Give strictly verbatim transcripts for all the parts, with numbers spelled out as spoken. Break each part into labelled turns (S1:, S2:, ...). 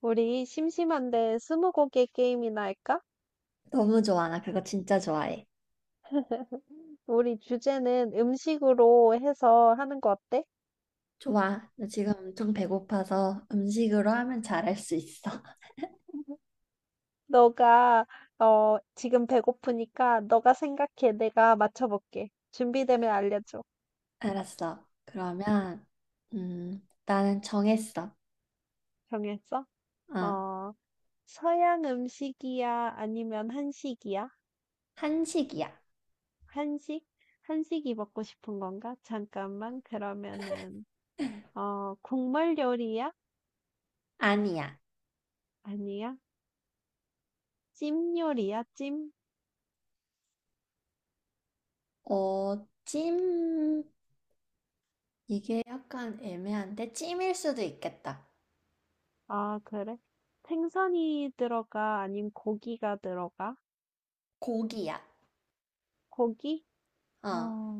S1: 우리 심심한데 스무고개 게임이나 할까?
S2: 너무 좋아. 나 그거 진짜 좋아해.
S1: 우리 주제는 음식으로 해서 하는 거 어때?
S2: 좋아. 나 지금 엄청 배고파서 음식으로 하면 잘 할 수 있어.
S1: 너가 어 지금 배고프니까 너가 생각해. 내가 맞춰볼게. 준비되면 알려줘.
S2: 알았어. 그러면, 음, 나는 정했어.
S1: 정했어?
S2: 어,
S1: 어. 서양 음식이야? 아니면 한식이야?
S2: 한식이야.
S1: 한식? 한식이 먹고 싶은 건가? 잠깐만. 그러면은 어 국물 요리야?
S2: 아니야.
S1: 아니야? 찜 요리야? 찜?
S2: 어, 찜, 이게 약간 애매한데, 찜일 수도 있겠다.
S1: 아, 그래? 생선이 들어가? 아님 고기가 들어가?
S2: 고기야.
S1: 고기?
S2: 어,
S1: 어,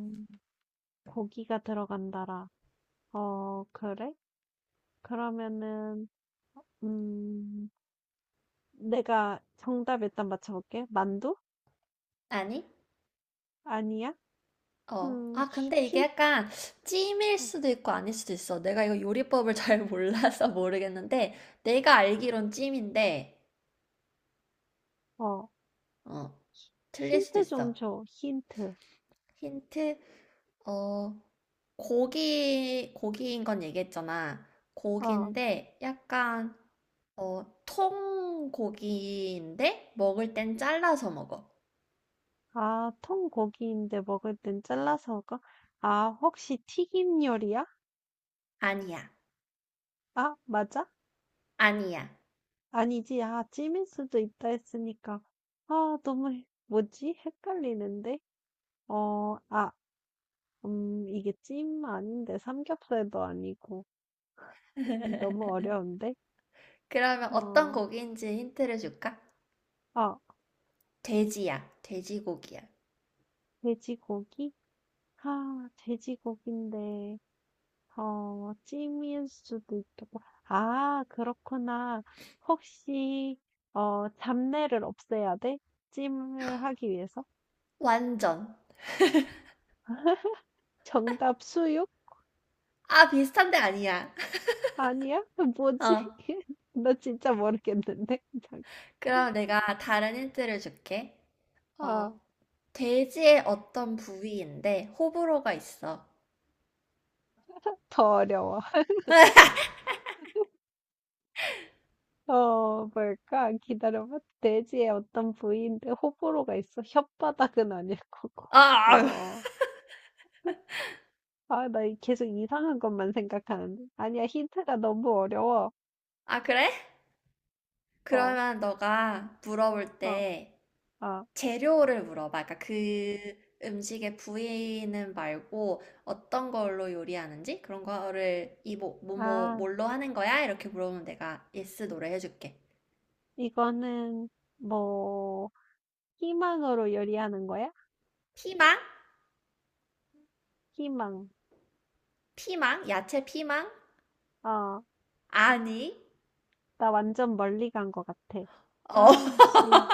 S1: 고기가 들어간다라. 어, 그래? 그러면은, 음, 내가 정답 일단 맞춰볼게. 만두?
S2: 아니?
S1: 아니야?
S2: 어,
S1: 음,
S2: 아, 근데 이게
S1: 힌,
S2: 약간 찜일 수도 있고 아닐 수도 있어. 내가 이거 요리법을 잘 몰라서 모르겠는데, 내가 알기론 찜인데,
S1: 어,
S2: 어, 틀릴 수도
S1: 힌트 좀
S2: 있어.
S1: 줘. 힌트.
S2: 힌트, 어, 고기, 고기인 건 얘기했잖아.
S1: 어,
S2: 고기인데, 약간, 어, 통고기인데, 먹을 땐 잘라서 먹어.
S1: 아, 통고기인데 먹을 땐 잘라서 먹어? 아, 혹시 튀김 요리야?
S2: 아니야,
S1: 아, 맞아?
S2: 아니야.
S1: 아니지. 아, 찜일 수도 있다 했으니까. 아, 너무, 헷- 뭐지? 헷갈리는데? 어, 아, 음, 이게 찜 아닌데, 삼겹살도 아니고. 너무 어려운데?
S2: 그러면 어떤
S1: 어,
S2: 고기인지 힌트를 줄까?
S1: 아,
S2: 돼지야, 돼지고기야.
S1: 돼지고기? 아, 돼지고기인데, 어, 찜일 수도 있고. 아, 그렇구나. 혹시, 어, 잡내를 없애야 돼? 찜을 하기 위해서?
S2: 완전.
S1: 정답 수육?
S2: 아, 비슷한데 아니야.
S1: 아니야?
S2: 어,
S1: 뭐지? 나 진짜 모르겠는데. 잠-
S2: 그럼 내가 다른 힌트를 줄게. 어,
S1: 아,
S2: 돼지의 어떤 부위인데 호불호가 있어.
S1: 더 어려워. 어, 뭘까? 기다려봐. 돼지의 어떤 부위인데 호불호가 있어. 혓바닥은 아닐 거고.
S2: 아,
S1: 어, 아, 나 이- 계속 이상한 것만 생각하는데. 아니야, 힌트가 너무 어려워.
S2: 아, 그래?
S1: 어,
S2: 그러면 너가 물어볼
S1: 어,
S2: 때
S1: 어.
S2: 재료를 물어봐. 그러니까 그 음식의 부위는 말고 어떤 걸로 요리하는지 그런 거를 이 뭐, 뭐, 뭐,
S1: 아,
S2: 뭘로 하는 거야? 이렇게 물어보면 내가 예스 노래 해줄게.
S1: 이거는 뭐 희망으로 요리하는 거야?
S2: 피망?
S1: 희망.
S2: 피망? 야채 피망?
S1: 어,
S2: 아니.
S1: 나 완전 멀리 간 것 같아.
S2: 어,
S1: 아, 씨.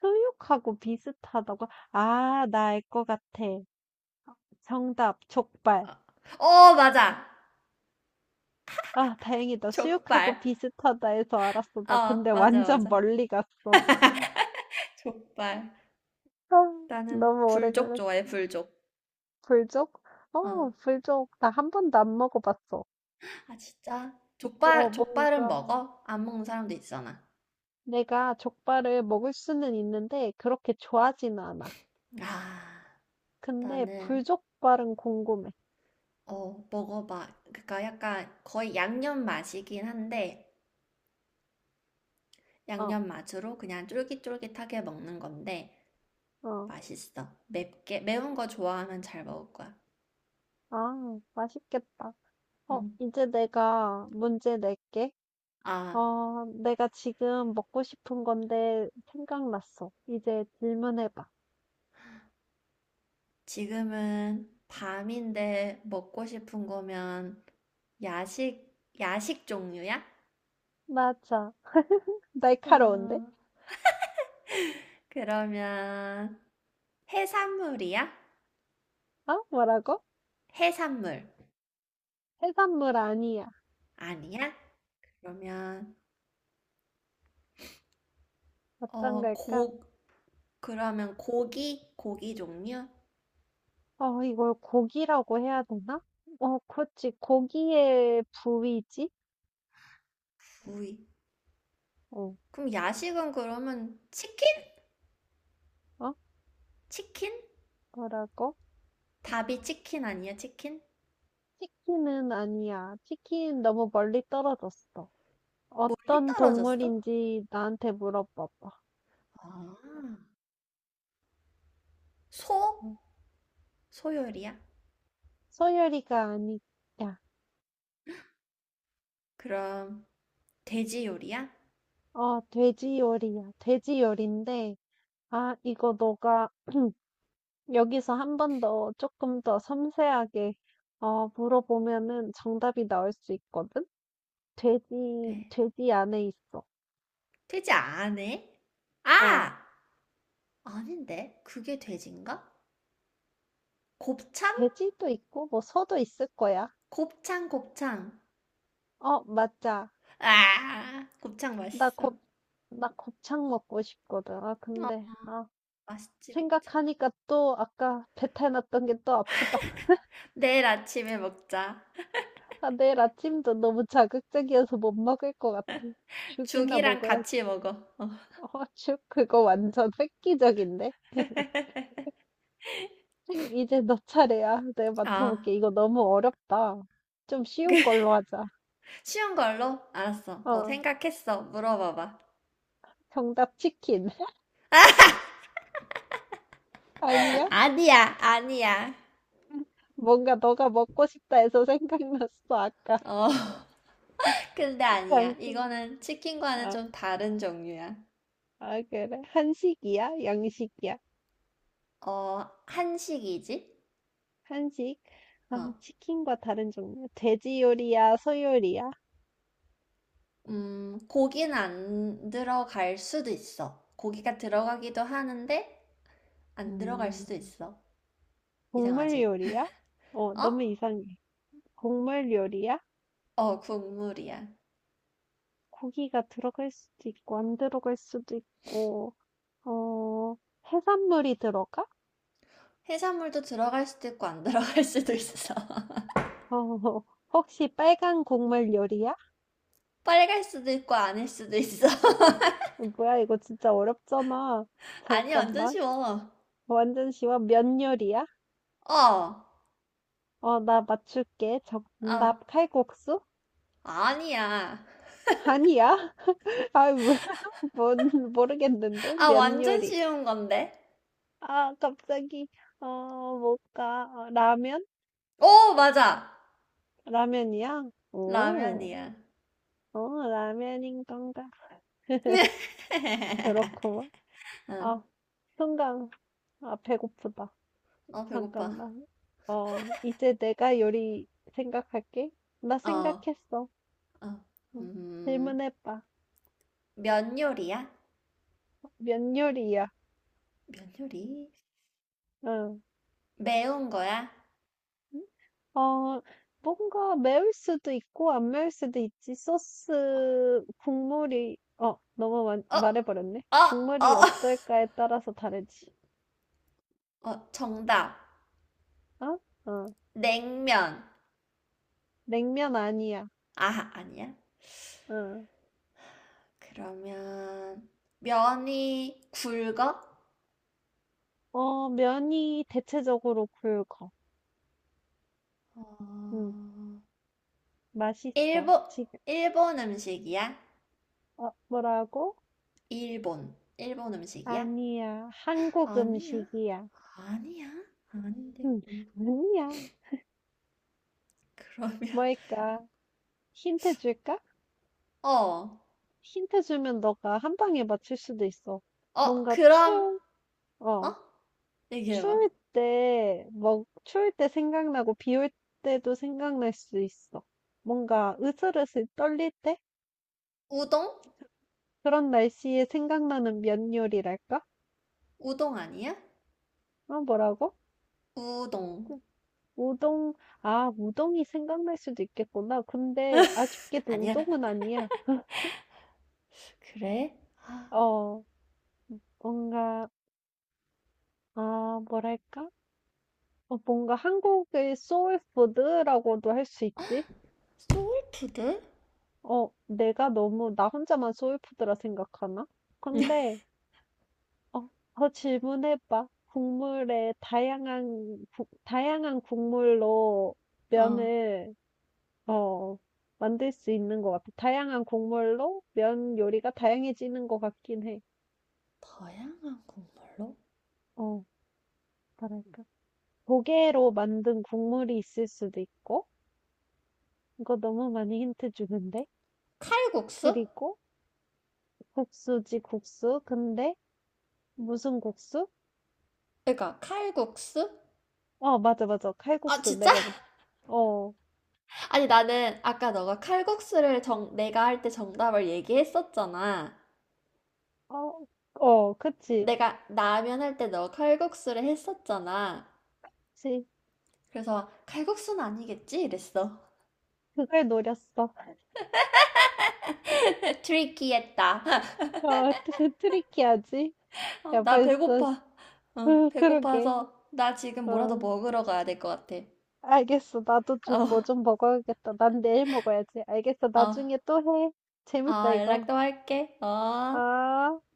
S1: 수육하고 비슷하다고? 아, 나 알 것 같아. 정답, 족발.
S2: 어, 맞아.
S1: 아, 다행이다. 수육하고
S2: 족발.
S1: 비슷하다 해서 알았어. 나 근데
S2: 어, 맞아,
S1: 완전
S2: 맞아.
S1: 멀리 갔어.
S2: 족발.
S1: 아,
S2: 나는
S1: 너무 오래
S2: 불족
S1: 걸렸어.
S2: 좋아해, 불족.
S1: 불족? 어,
S2: 어.
S1: 불족. 나 한 번도 안 먹어봤어.
S2: 아, 진짜?
S1: 어,
S2: 족발, 족발은
S1: 뭔가
S2: 먹어? 안 먹는 사람도 있잖아.
S1: 내가 족발을 먹을 수는 있는데 그렇게 좋아하진 않아.
S2: 아,
S1: 근데
S2: 나는,
S1: 불족발은 궁금해.
S2: 어, 먹어봐. 그러니까 약간 거의 양념 맛이긴 한데,
S1: 어,
S2: 양념 맛으로 그냥 쫄깃쫄깃하게 먹는 건데,
S1: 어.
S2: 맛있어. 맵게, 매운 거 좋아하면 잘 먹을 거야.
S1: 아, 맛있겠다. 어,
S2: 음.
S1: 이제 내가 문제 낼게.
S2: 아,
S1: 어, 내가 지금 먹고 싶은 건데 생각났어. 이제 질문해봐.
S2: 지금은 밤인데 먹고 싶은 거면 야식, 야식 종류야?
S1: 맞아.
S2: 어,
S1: 날카로운데?
S2: 그러면 해산물이야?
S1: 어? 뭐라고?
S2: 해산물
S1: 해산물 아니야.
S2: 아니야? 그러면
S1: 어떤
S2: 어,
S1: 걸까?
S2: 고 그러면 고기 고기 종류?
S1: 어, 이걸 고기라고 해야 되나? 어, 그렇지. 고기의 부위지?
S2: 구이.
S1: 어.
S2: 그럼 야식은 그러면 치킨?
S1: 어?
S2: 치킨?
S1: 뭐라고?
S2: 답이 치킨 아니야, 치킨?
S1: 치킨은 아니야. 치킨 너무 멀리 떨어졌어.
S2: 멀리
S1: 어떤
S2: 떨어졌어?
S1: 동물인지 나한테 물어봐봐.
S2: 아, 소?
S1: 음,
S2: 소 요리야?
S1: 소열이가 아니야.
S2: 그럼 돼지 요리야?
S1: 어 돼지 요리야. 돼지 요리인데, 아, 이거 너가 여기서 한번 더 조금 더 섬세하게, 어, 물어보면은 정답이 나올 수 있거든? 돼지,
S2: 네.
S1: 돼지 안에 있어.
S2: 돼지 안 해?
S1: 어,
S2: 아! 아닌데. 그게 돼지인가? 곱창?
S1: 돼지도 있고, 뭐, 소도 있을 거야.
S2: 곱창, 곱창.
S1: 어, 맞아.
S2: 아, 곱창
S1: 나
S2: 맛있어.
S1: 곱, 나 곱창 먹고 싶거든. 아,
S2: 어,
S1: 근데, 아,
S2: 맛있지, 곱창.
S1: 생각하니까 또 아까 배탈 났던 게 또 아프다.
S2: 내일 아침에 먹자.
S1: 아, 내일 아침도 너무 자극적이어서 못 먹을 것 같아. 죽이나
S2: 죽이랑
S1: 먹어야
S2: 같이 먹어. 어.
S1: 어, 슉, 그거 완전 획기적인데? 생- 이제 너 차례야. 내가
S2: 아,
S1: 맞춰볼게. 이거 너무 어렵다. 좀
S2: 그,
S1: 쉬운 걸로 하자.
S2: 쉬운 걸로? 알았어. 어,
S1: 어,
S2: 생각했어. 물어봐봐.
S1: 정답 치킨. 아니야?
S2: 아니야, 아니야.
S1: 뭔가 너가 먹고 싶다 해서 생각났어, 아까.
S2: 어, 근데 아니야.
S1: 잠깐.
S2: 이거는 치킨과는
S1: 아,
S2: 좀 다른 종류야.
S1: 아, 그래. 한식이야? 양식이야?
S2: 어, 한식이지?
S1: 한식? 아,
S2: 어,
S1: 치킨과 다른 종류. 돼지 요리야? 소 요리야?
S2: 음, 고기는 안 들어갈 수도 있어. 고기가 들어가기도 하는데, 안 들어갈
S1: 음,
S2: 수도 있어.
S1: 곡물
S2: 이상하지?
S1: 요리야? 어,
S2: 어?
S1: 너무 이상해. 곡물 요리야?
S2: 어, 국물이야.
S1: 고기가 들어갈 수도 있고 안 들어갈 수도 있고. 어, 해산물이 들어가?
S2: 해산물도 들어갈 수도 있고 안 들어갈 수도 있어.
S1: 어, 혹시 빨간 국물 요리야?
S2: 빨갈 수도 있고 아닐 수도 있어.
S1: 뭐야 이거 진짜 어렵잖아.
S2: 아니, 완전
S1: 잠깐만.
S2: 쉬워.
S1: 완전 쉬워. 면 요리야?
S2: 어, 어.
S1: 어, 나 맞출게. 정답 칼국수?
S2: 아니야.
S1: 아니야? 아뭔 모르겠는데
S2: 아,
S1: 면
S2: 완전
S1: 요리.
S2: 쉬운 건데.
S1: 아, 갑자기 어, 뭘까. 어, 라면?
S2: 오, 맞아.
S1: 라면이야? 오,
S2: 라면이야.
S1: 어, 라면인 건가? 그렇구만.
S2: 어,
S1: 아, 순간, 아, 배고프다.
S2: 어, 배고파.
S1: 잠깐만. 어, 이제 내가 요리 생각할게. 나
S2: 어, 어,
S1: 생각했어. 응.
S2: 음,
S1: 질문해봐.
S2: 면 요리야?
S1: 면 요리야?
S2: 면 요리?
S1: 응.
S2: 매운 거야?
S1: 어, 뭔가 매울 수도 있고, 안 매울 수도 있지. 소스, 국물이, 어, 너무 마-
S2: 어,
S1: 말해버렸네.
S2: 어,
S1: 국물이
S2: 어.
S1: 어떨까에 따라서 다르지.
S2: 어, 정답.
S1: 어? 어,
S2: 냉면.
S1: 냉면 아니야.
S2: 아, 아니야?
S1: 응.
S2: 그러면 면이 굵어?
S1: 어, 면이 대체적으로 굵어. 응.
S2: 어,
S1: 맛있어.
S2: 일본,
S1: 지금,
S2: 일본 음식이야?
S1: 어, 뭐라고?
S2: 일본, 일본 음식이야?
S1: 아니야. 한국
S2: 아니야?
S1: 음식이야.
S2: 아니야? 아닌데,
S1: 응,
S2: 뭘-
S1: 아니야.
S2: 그러면.
S1: 뭘까? 힌트 줄까?
S2: 어,
S1: 힌트 주면 너가 한 방에 맞출 수도 있어.
S2: 어,
S1: 뭔가
S2: 그럼,
S1: 추,
S2: 어?
S1: 어,
S2: 얘기해봐.
S1: 추울 때, 뭐, 추울 때 생각나고 비 올 때도 생각날 수 있어. 뭔가 으슬으슬 떨릴 때?
S2: 우동?
S1: 그런 날씨에 생각나는 면 요리랄까?
S2: 우동 아니야?
S1: 어, 뭐라고?
S2: 우동.
S1: 우동. 아, 우동이 생각날 수도 있겠구나. 근데 아쉽게도
S2: 아니야?
S1: 우동은 아니야.
S2: 그래? 아,
S1: 어, 뭔가, 아, 뭐랄까? 어, 뭔가 한국의 소울푸드라고도 할 수 있지?
S2: 소울푸드?
S1: 어, 내가 너무 나 혼자만 소울푸드라 생각하나? 근데, 어, 더 질문해봐. 국물에 다양한, 구- 다양한 국물로
S2: 어.
S1: 면을, 어, 만들 수 있는 것 같아. 다양한 국물로 면 요리가 다양해지는 것 같긴 해.
S2: 다양한 국물로?
S1: 어, 뭐랄까. 조개로 만든 국물이 있을 수도 있고, 이거 너무 많이 힌트 주는데?
S2: 칼국수?
S1: 그리고 국수지, 국수. 근데 무슨 국수?
S2: 그러니까 칼국수?
S1: 어, 맞아, 맞아.
S2: 아,
S1: 칼국수.
S2: 진짜?
S1: 내가, 뭐- 어,
S2: 아니, 나는 아까 너가 칼국수를 정, 내가 할 때 정답을 얘기했었잖아.
S1: 어, 어, 그치.
S2: 내가 라면 할 때 너 칼국수를 했었잖아.
S1: 그치.
S2: 그래서 칼국수는 아니겠지? 이랬어.
S1: 그걸 노렸어.
S2: 트리키했다.
S1: 어, 트- 트리키하지?
S2: 어,
S1: 야,
S2: 나
S1: 벌써,
S2: 배고파. 어,
S1: 그, 그러게.
S2: 배고파서 나 지금 뭐라도
S1: 어,
S2: 먹으러 가야 될 것 같아.
S1: 알겠어. 나도 좀
S2: 어,
S1: 뭐 좀 먹어야겠다. 난 내일 먹어야지. 알겠어.
S2: 어.
S1: 나중에 또 해. 재밌다,
S2: 아,
S1: 이거.
S2: 연락 또 할게. 어.
S1: 아.